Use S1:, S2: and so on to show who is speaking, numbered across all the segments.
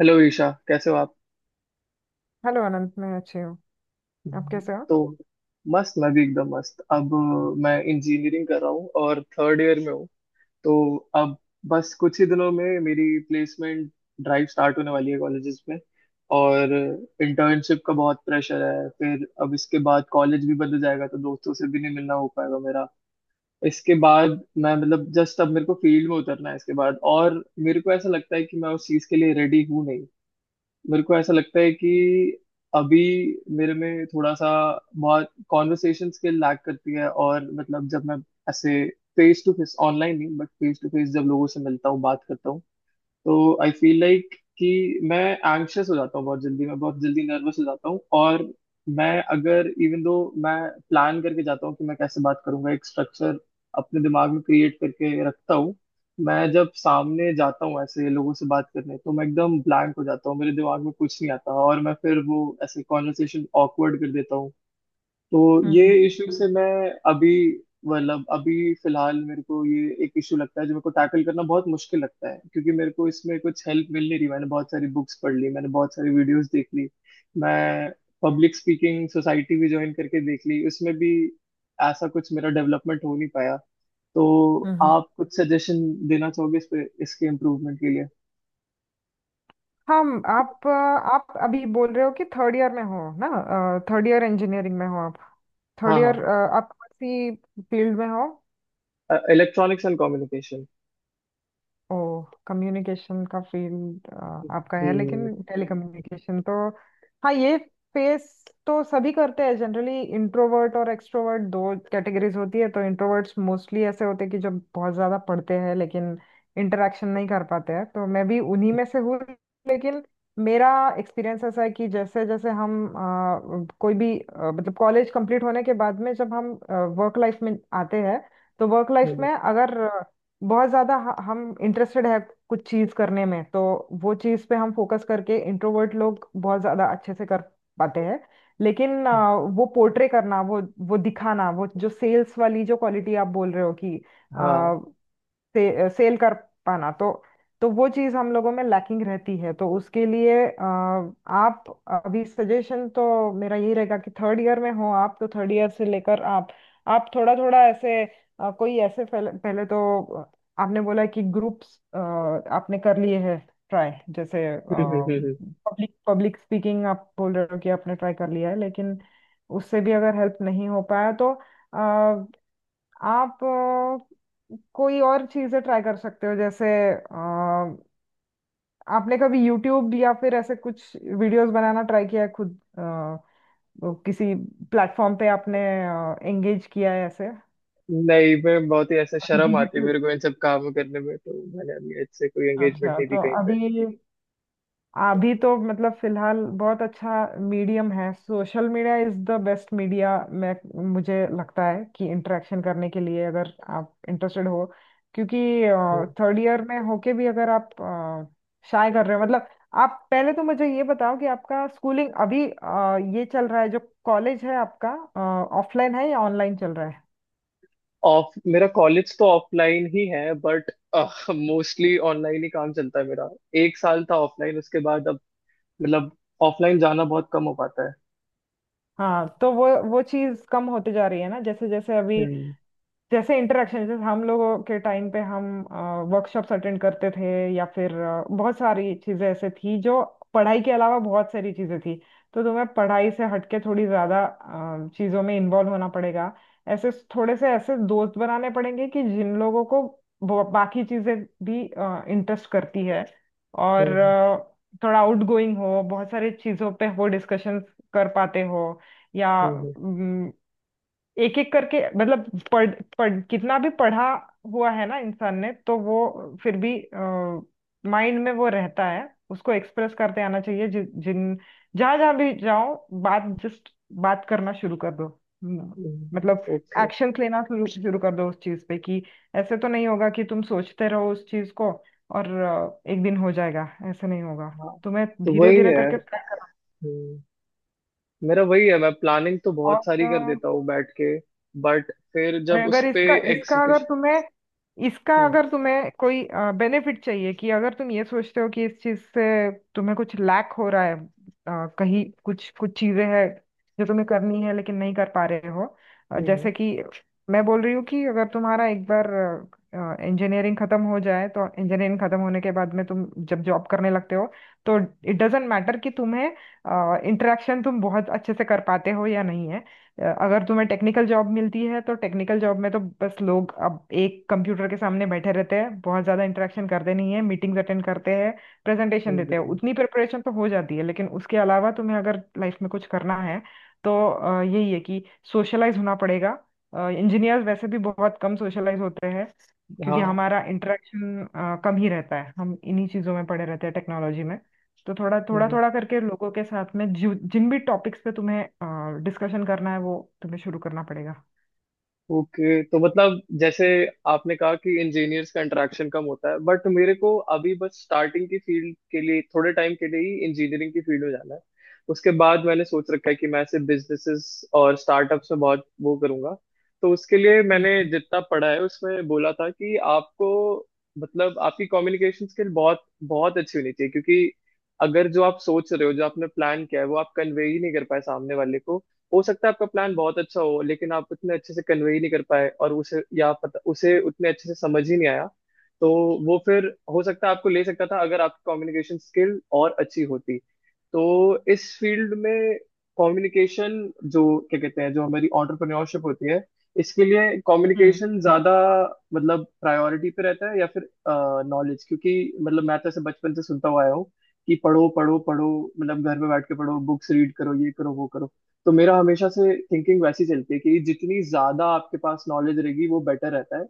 S1: Hello Isha, कैसे हो आप?
S2: हेलो अनंत, मैं अच्छी हूँ। आप कैसे हो?
S1: तो मस्त। मैं भी एकदम मस्त। अब मैं इंजीनियरिंग कर रहा हूँ और थर्ड ईयर में हूँ। तो अब बस कुछ ही दिनों में मेरी प्लेसमेंट ड्राइव स्टार्ट होने वाली है कॉलेजेस में, और इंटर्नशिप का बहुत प्रेशर है। फिर अब इसके बाद कॉलेज भी बदल जाएगा, तो दोस्तों से भी नहीं मिलना हो पाएगा मेरा। इसके बाद मैं मतलब जस्ट अब मेरे को फील्ड में उतरना है इसके बाद, और मेरे को ऐसा लगता है कि मैं उस चीज़ के लिए रेडी हूँ नहीं। मेरे को ऐसा लगता है कि अभी मेरे में थोड़ा सा बहुत कॉन्वर्सेशन स्किल लैक करती है। और मतलब जब मैं ऐसे फेस टू फेस, ऑनलाइन नहीं बट फेस टू फेस, जब लोगों से मिलता हूँ बात करता हूँ, तो आई फील लाइक कि मैं एंग्शियस हो जाता हूँ बहुत जल्दी, मैं बहुत जल्दी नर्वस हो जाता हूँ। और मैं अगर इवन दो मैं प्लान करके जाता हूँ कि मैं कैसे बात करूंगा, एक स्ट्रक्चर अपने दिमाग में क्रिएट करके रखता हूँ। मैं जब सामने जाता हूँ ऐसे लोगों से बात करने, तो मैं एकदम ब्लैंक हो जाता हूँ, मेरे दिमाग में कुछ नहीं आता और मैं फिर वो ऐसे कॉन्वर्सेशन ऑकवर्ड कर देता हूँ। तो ये
S2: हम्म।
S1: इश्यू से मैं अभी मतलब अभी फिलहाल मेरे को ये एक इशू लगता है जो मेरे को टैकल करना बहुत मुश्किल लगता है, क्योंकि मेरे को इसमें कुछ हेल्प मिल नहीं रही। मैंने बहुत सारी बुक्स पढ़ ली, मैंने बहुत सारी वीडियोस देख ली, मैं पब्लिक स्पीकिंग सोसाइटी भी ज्वाइन करके देख ली, उसमें भी ऐसा कुछ मेरा डेवलपमेंट हो नहीं पाया। तो
S2: हम्म
S1: आप कुछ सजेशन देना चाहोगे इस पे, इसके इम्प्रूवमेंट के लिए?
S2: हम आप आप अभी बोल रहे हो कि थर्ड ईयर में हो ना? थर्ड ईयर इंजीनियरिंग में हो आप?
S1: हाँ
S2: थर्ड ईयर
S1: हाँ।
S2: आप कौन सी फील्ड में हो?
S1: Electronics and communication.
S2: ओ, कम्युनिकेशन का फील्ड आपका है,
S1: हम्म।
S2: लेकिन टेलीकम्युनिकेशन तो हाँ, ये फेस तो सभी करते हैं। जनरली इंट्रोवर्ट और एक्सट्रोवर्ट दो कैटेगरीज होती है। तो इंट्रोवर्ट्स मोस्टली ऐसे होते हैं कि जो बहुत ज्यादा पढ़ते हैं, लेकिन इंटरेक्शन नहीं कर पाते हैं, तो मैं भी उन्हीं में से हूँ। लेकिन मेरा एक्सपीरियंस ऐसा है कि जैसे जैसे हम कोई भी मतलब कॉलेज कंप्लीट होने के बाद में जब हम वर्क लाइफ में आते हैं, तो वर्क लाइफ
S1: हम्म,
S2: में अगर बहुत ज्यादा हम इंटरेस्टेड है कुछ चीज करने में, तो वो चीज पे हम फोकस करके इंट्रोवर्ट लोग बहुत ज्यादा अच्छे से कर पाते हैं। लेकिन
S1: हम्म,
S2: वो पोर्ट्रे करना, वो दिखाना, वो जो सेल्स वाली जो क्वालिटी आप बोल रहे हो कि सेल कर पाना, तो वो चीज हम लोगों में लैकिंग रहती है। तो उसके लिए आप अभी सजेशन तो मेरा यही रहेगा कि थर्ड ईयर में हो आप, तो थर्ड ईयर से लेकर आप थोड़ा थोड़ा ऐसे कोई ऐसे पहले तो आपने बोला कि ग्रुप्स आपने कर लिए हैं, ट्राई जैसे
S1: हाँ
S2: पब्लिक पब्लिक स्पीकिंग आप बोल रहे हो कि आपने ट्राई कर लिया है। लेकिन उससे भी अगर हेल्प नहीं हो पाया, तो आप कोई और चीजें ट्राई कर सकते हो। जैसे अ, आपने कभी यूट्यूब या फिर ऐसे कुछ वीडियोस बनाना ट्राई किया है खुद, वो किसी प्लेटफॉर्म पे आपने एंगेज किया है ऐसे
S1: नहीं, मैं बहुत ही ऐसा शर्म आती है
S2: डिजिटल?
S1: मेरे को इन सब काम करने में, तो मैंने अभी इससे कोई एंगेजमेंट
S2: अच्छा,
S1: नहीं दी
S2: तो
S1: कहीं पे।
S2: अभी अभी तो मतलब फिलहाल बहुत अच्छा मीडियम है social media. Is the best media, मैं मुझे लगता है कि इंटरेक्शन करने के लिए अगर आप इंटरेस्टेड हो, क्योंकि
S1: हम्म।
S2: थर्ड ईयर में होके भी अगर आप शाय कर रहे हो मतलब। आप पहले तो मुझे ये बताओ कि आपका स्कूलिंग अभी ये चल रहा है जो कॉलेज है आपका, ऑफलाइन है या ऑनलाइन चल रहा है?
S1: ऑफ मेरा कॉलेज तो ऑफलाइन ही है, बट मोस्टली ऑनलाइन ही काम चलता है मेरा। एक साल था ऑफलाइन, उसके बाद अब मतलब ऑफलाइन जाना बहुत कम हो पाता है।
S2: हाँ, तो वो चीज़ कम होते जा रही है ना जैसे जैसे अभी।
S1: हम्म।
S2: जैसे इंटरेक्शन, जैसे हम लोगों के टाइम पे हम वर्कशॉप्स अटेंड करते थे, या फिर बहुत सारी चीजें ऐसे थी जो पढ़ाई के अलावा बहुत सारी चीजें थी। तो तुम्हें पढ़ाई से हटके थोड़ी ज्यादा चीजों में इन्वॉल्व होना पड़ेगा। ऐसे थोड़े से ऐसे दोस्त बनाने पड़ेंगे कि जिन लोगों को वो बाकी चीजें भी इंटरेस्ट करती है, और
S1: हम्म।
S2: थोड़ा आउटगोइंग हो, बहुत सारी चीजों पे वो डिस्कशन कर पाते हो, या
S1: हम्म।
S2: एक एक करके। मतलब पढ़ पढ़ कितना भी पढ़ा हुआ है ना इंसान ने, तो वो फिर भी माइंड में वो रहता है, उसको एक्सप्रेस करते आना चाहिए। जिन जहां जहां भी जाओ, बात जस्ट बात करना शुरू कर दो। हम्म,
S1: हम्म।
S2: मतलब
S1: ओके।
S2: एक्शंस लेना शुरू शुरू कर दो उस चीज पे। कि ऐसे तो नहीं होगा कि तुम सोचते रहो उस चीज को और एक दिन हो जाएगा, ऐसे नहीं होगा।
S1: हाँ,
S2: तुम्हें
S1: तो
S2: धीरे
S1: वही
S2: धीरे
S1: है।
S2: करके,
S1: हम्म, मेरा वही है, मैं प्लानिंग तो
S2: और
S1: बहुत सारी कर देता हूँ बैठ के, बट फिर
S2: और
S1: जब उस
S2: अगर
S1: पे
S2: इसका
S1: एग्जीक्यूशन।
S2: इसका
S1: हम्म।
S2: अगर तुम्हें कोई बेनिफिट चाहिए, कि अगर तुम ये सोचते हो कि इस चीज से तुम्हें कुछ लैक हो रहा है, कहीं कुछ कुछ चीजें हैं जो तुम्हें करनी है लेकिन नहीं कर पा रहे हो,
S1: हम्म।
S2: जैसे कि मैं बोल रही हूँ। कि अगर तुम्हारा एक बार इंजीनियरिंग खत्म हो जाए, तो इंजीनियरिंग खत्म होने के बाद में तुम जब जॉब करने लगते हो, तो इट डजेंट मैटर कि तुम्हें इंटरेक्शन तुम बहुत अच्छे से कर पाते हो या नहीं है। अगर तुम्हें टेक्निकल जॉब मिलती है, तो टेक्निकल जॉब में तो बस लोग अब एक कंप्यूटर के सामने बैठे रहते हैं, बहुत ज़्यादा इंटरेक्शन करते नहीं है। मीटिंग्स अटेंड करते हैं, प्रेजेंटेशन
S1: हम्म,
S2: देते हैं,
S1: हम्म।
S2: उतनी प्रिपरेशन तो हो जाती है। लेकिन उसके अलावा तुम्हें अगर लाइफ में कुछ करना है, तो यही है कि सोशलाइज होना पड़ेगा। इंजीनियर्स वैसे भी बहुत कम सोशलाइज होते हैं, क्योंकि
S1: हाँ।
S2: हमारा इंटरेक्शन कम ही रहता है। हम इन्हीं चीज़ों में पड़े रहते हैं, टेक्नोलॉजी में। तो थोड़ा थोड़ा
S1: हम्म,
S2: थोड़ा करके लोगों के साथ में जो जिन भी टॉपिक्स पे तुम्हें डिस्कशन करना है, वो तुम्हें शुरू करना पड़ेगा।
S1: ओके। तो मतलब जैसे आपने कहा कि इंजीनियर्स का इंटरेक्शन कम होता है, बट मेरे को अभी बस स्टार्टिंग की फील्ड के लिए थोड़े टाइम के लिए ही इंजीनियरिंग की फील्ड में जाना है। उसके बाद मैंने सोच रखा है कि मैं ऐसे बिजनेसेस और स्टार्टअप्स में बहुत वो करूंगा। तो उसके लिए मैंने
S2: हम्म
S1: जितना पढ़ा है, उसमें बोला था कि आपको मतलब आपकी कम्युनिकेशन स्किल बहुत बहुत अच्छी होनी चाहिए, क्योंकि अगर जो आप सोच रहे हो, जो आपने प्लान किया है, वो आप कन्वे ही नहीं कर पाए सामने वाले को। हो सकता है आपका प्लान बहुत अच्छा हो, लेकिन आप उतने अच्छे से कन्वे नहीं कर पाए और उसे, या पता उसे उतने अच्छे से समझ ही नहीं आया। तो वो फिर हो सकता है आपको ले सकता था अगर आपकी कम्युनिकेशन स्किल और अच्छी होती। तो इस फील्ड में कम्युनिकेशन, जो क्या कहते हैं, जो हमारी एंटरप्रेन्योरशिप होती है, इसके लिए
S2: हम्म
S1: कम्युनिकेशन ज्यादा मतलब प्रायोरिटी पे रहता है, या फिर नॉलेज? क्योंकि मतलब मैं तो ऐसे बचपन से सुनता हुआ आया हूँ कि पढ़ो पढ़ो पढ़ो, मतलब घर में बैठ के पढ़ो, बुक्स रीड करो, ये करो वो करो। तो मेरा हमेशा से थिंकिंग वैसी चलती है कि जितनी ज्यादा आपके पास नॉलेज रहेगी वो बेटर रहता है।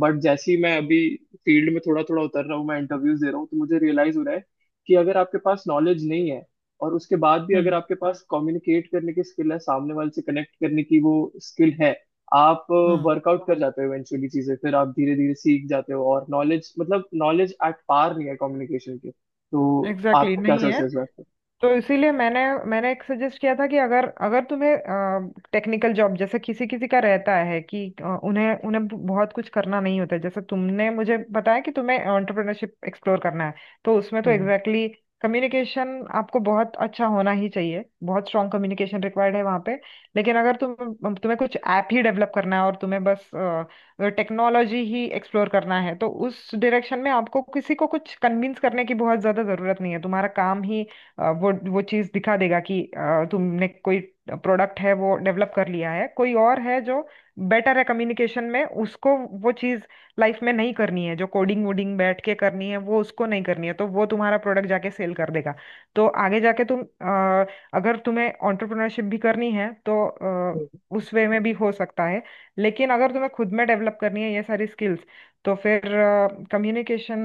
S1: बट जैसे ही मैं अभी फील्ड में थोड़ा थोड़ा उतर रहा हूँ, मैं इंटरव्यूज दे रहा हूँ, तो मुझे रियलाइज हो रहा है कि अगर आपके पास नॉलेज नहीं है और उसके बाद भी अगर
S2: हम्म
S1: आपके पास कम्युनिकेट करने की स्किल है, सामने वाले से कनेक्ट करने की वो स्किल है, आप
S2: हम्म,
S1: वर्कआउट कर जाते हो इवेंचुअली। चीजें फिर आप धीरे धीरे सीख जाते हो, और नॉलेज मतलब नॉलेज एट पार नहीं है कम्युनिकेशन के। तो आप
S2: एग्जैक्टली exactly,
S1: क्या
S2: नहीं
S1: सोचते
S2: है।
S1: हो इस बात पे?
S2: तो इसीलिए मैंने मैंने एक सजेस्ट किया था कि अगर अगर तुम्हें टेक्निकल जॉब, जैसे किसी किसी का रहता है कि उन्हें उन्हें बहुत कुछ करना नहीं होता है। जैसे तुमने मुझे बताया कि तुम्हें एंटरप्रेन्योरशिप एक्सप्लोर करना है, तो उसमें तो
S1: हम्म।
S2: एग्जैक्टली exactly कम्युनिकेशन आपको बहुत अच्छा होना ही चाहिए। बहुत स्ट्रांग कम्युनिकेशन रिक्वायर्ड है वहाँ पे। लेकिन अगर तुम तुम्हें कुछ ऐप ही डेवलप करना है, और तुम्हें बस टेक्नोलॉजी ही एक्सप्लोर करना है, तो उस डायरेक्शन में आपको किसी को कुछ कन्विंस करने की बहुत ज़्यादा ज़रूरत नहीं है। तुम्हारा काम ही वो चीज दिखा देगा कि तुमने कोई प्रोडक्ट है वो डेवलप कर लिया है। कोई और है जो बेटर है कम्युनिकेशन में, उसको वो चीज लाइफ में नहीं करनी है जो कोडिंग वोडिंग बैठ के करनी है, वो उसको नहीं करनी है, तो वो तुम्हारा प्रोडक्ट जाके सेल कर देगा। तो आगे जाके तुम अगर तुम्हें एंटरप्रेन्योरशिप भी करनी है, तो अ,
S1: हम्म,
S2: उस वे में भी हो सकता है। लेकिन अगर तुम्हें खुद में डेवलप करनी है ये सारी स्किल्स, तो फिर कम्युनिकेशन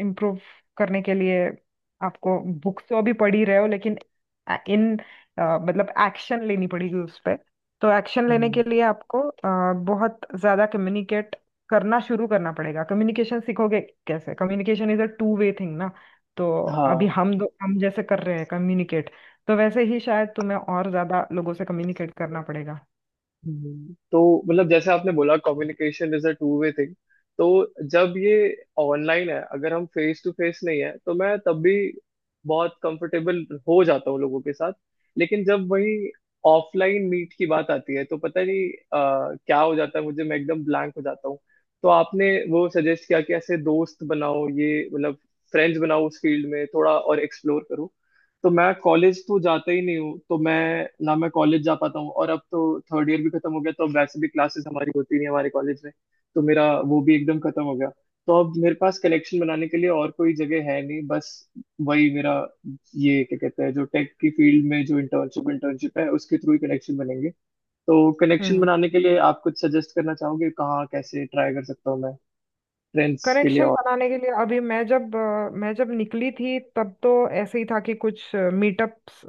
S2: इम्प्रूव करने के लिए आपको बुक्स तो अभी पढ़ ही रहे हो, लेकिन अ- इन मतलब एक्शन लेनी पड़ेगी उस पे। तो एक्शन लेने
S1: हम्म।
S2: के लिए आपको बहुत ज्यादा कम्युनिकेट करना शुरू करना पड़ेगा। कम्युनिकेशन सीखोगे कैसे? Communication is a two way thing ना। तो अभी
S1: हाँ।
S2: हम दो हम जैसे कर रहे हैं कम्युनिकेट, तो वैसे ही शायद तुम्हें और ज्यादा लोगों से कम्युनिकेट करना पड़ेगा।
S1: तो मतलब जैसे आपने बोला communication is a two way thing. तो जब ये ऑनलाइन है, अगर हम फेस टू फेस नहीं है, तो मैं तब भी बहुत कंफर्टेबल हो जाता हूँ लोगों के साथ। लेकिन जब वही ऑफलाइन मीट की बात आती है, तो पता नहीं क्या हो जाता है मुझे, मैं एकदम ब्लैंक हो जाता हूँ। तो आपने वो सजेस्ट किया कि ऐसे दोस्त बनाओ, ये मतलब फ्रेंड्स बनाओ, उस फील्ड में थोड़ा और एक्सप्लोर करो। तो मैं कॉलेज तो जाता ही नहीं हूँ, तो मैं ना मैं कॉलेज जा पाता हूँ, और अब तो थर्ड ईयर भी खत्म हो गया, तो अब वैसे भी क्लासेस हमारी होती नहीं हमारे कॉलेज में। तो मेरा वो भी एकदम खत्म हो गया। तो अब मेरे पास कलेक्शन बनाने के लिए और कोई जगह है नहीं, बस वही मेरा, ये क्या कहते हैं, जो टेक की फील्ड में जो इंटर्नशिप इंटर्नशिप है, उसके थ्रू ही कनेक्शन बनेंगे। तो कनेक्शन
S2: हम्म।
S1: बनाने के लिए आप कुछ सजेस्ट करना चाहोगे कहाँ कैसे ट्राई कर सकता हूँ मैं फ्रेंड्स के लिए?
S2: कनेक्शन
S1: और
S2: बनाने के लिए, अभी मैं जब अ, मैं जब निकली थी, तब तो ऐसे ही था कि कुछ मीटअप्स,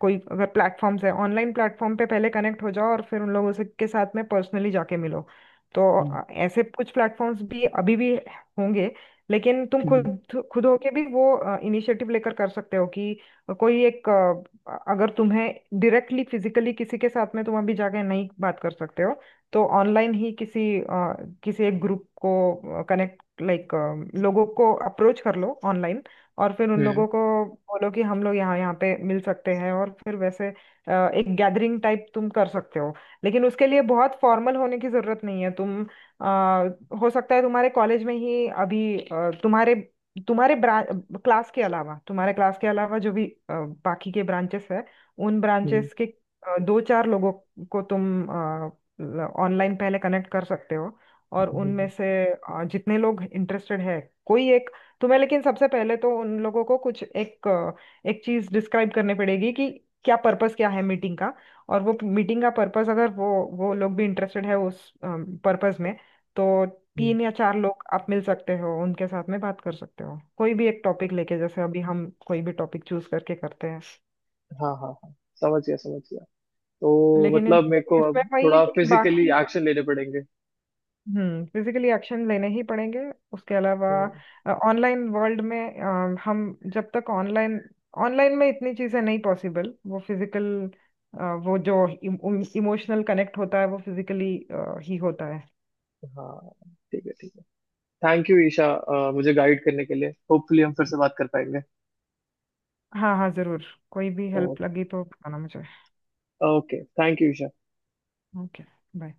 S2: कोई अगर प्लेटफॉर्म्स है, ऑनलाइन प्लेटफॉर्म पे पहले कनेक्ट हो जाओ और फिर उन लोगों से के साथ में पर्सनली जाके मिलो। तो
S1: हम्म।
S2: ऐसे कुछ प्लेटफॉर्म्स भी अभी भी होंगे। लेकिन तुम
S1: हम्म।
S2: खुद खुद होके भी वो इनिशिएटिव लेकर कर सकते हो कि कोई एक अगर तुम्हें डायरेक्टली फिजिकली किसी के साथ में तुम अभी जाके नहीं बात कर सकते हो, तो ऑनलाइन ही किसी किसी एक ग्रुप को कनेक्ट, लाइक, लोगों को अप्रोच कर लो ऑनलाइन, और फिर उन
S1: हम्म।
S2: लोगों को बोलो कि हम लोग यहाँ यहाँ पे मिल सकते हैं, और फिर वैसे एक गैदरिंग टाइप तुम कर सकते हो। लेकिन उसके लिए बहुत फॉर्मल होने की जरूरत नहीं है। तुम हो सकता है तुम्हारे कॉलेज में ही अभी तुम्हारे तुम्हारे क्लास के अलावा तुम्हारे क्लास के अलावा जो भी बाकी के ब्रांचेस है, उन
S1: हम्म।
S2: ब्रांचेस के दो चार लोगों को तुम ऑनलाइन पहले कनेक्ट कर सकते हो, और
S1: हम्म, हम्म,
S2: उनमें से जितने लोग इंटरेस्टेड है, कोई एक तुम्हें। लेकिन सबसे पहले तो उन लोगों को एक चीज डिस्क्राइब करनी पड़ेगी कि क्या है मीटिंग का? और वो मीटिंग का पर्पस अगर वो वो लोग भी इंटरेस्टेड है उस पर्पस में, तो
S1: हम्म,
S2: तीन या चार लोग आप मिल सकते हो, उनके साथ में बात कर सकते हो कोई भी एक टॉपिक लेके, जैसे अभी हम कोई भी टॉपिक चूज करके करते हैं।
S1: हाँ हाँ हाँ, समझ गया समझ गया। तो
S2: लेकिन
S1: मतलब मेरे को
S2: इसमें
S1: अब
S2: वही है
S1: थोड़ा
S2: कि
S1: फिजिकली
S2: बाकी
S1: एक्शन लेने पड़ेंगे।
S2: हम्म, फिजिकली एक्शन लेने ही पड़ेंगे। उसके अलावा
S1: हम्म,
S2: ऑनलाइन वर्ल्ड में हम जब तक ऑनलाइन, में इतनी चीजें नहीं पॉसिबल। वो फिजिकल, वो जो इमोशनल कनेक्ट होता है वो फिजिकली ही होता है।
S1: हाँ। ठीक है, ठीक है। थैंक यू ईशा, मुझे गाइड करने के लिए। होपफुली हम फिर से बात कर पाएंगे।
S2: हाँ हाँ, जरूर। कोई भी हेल्प लगी तो बताना मुझे।
S1: Okay, thank you Isha.
S2: Okay, bye.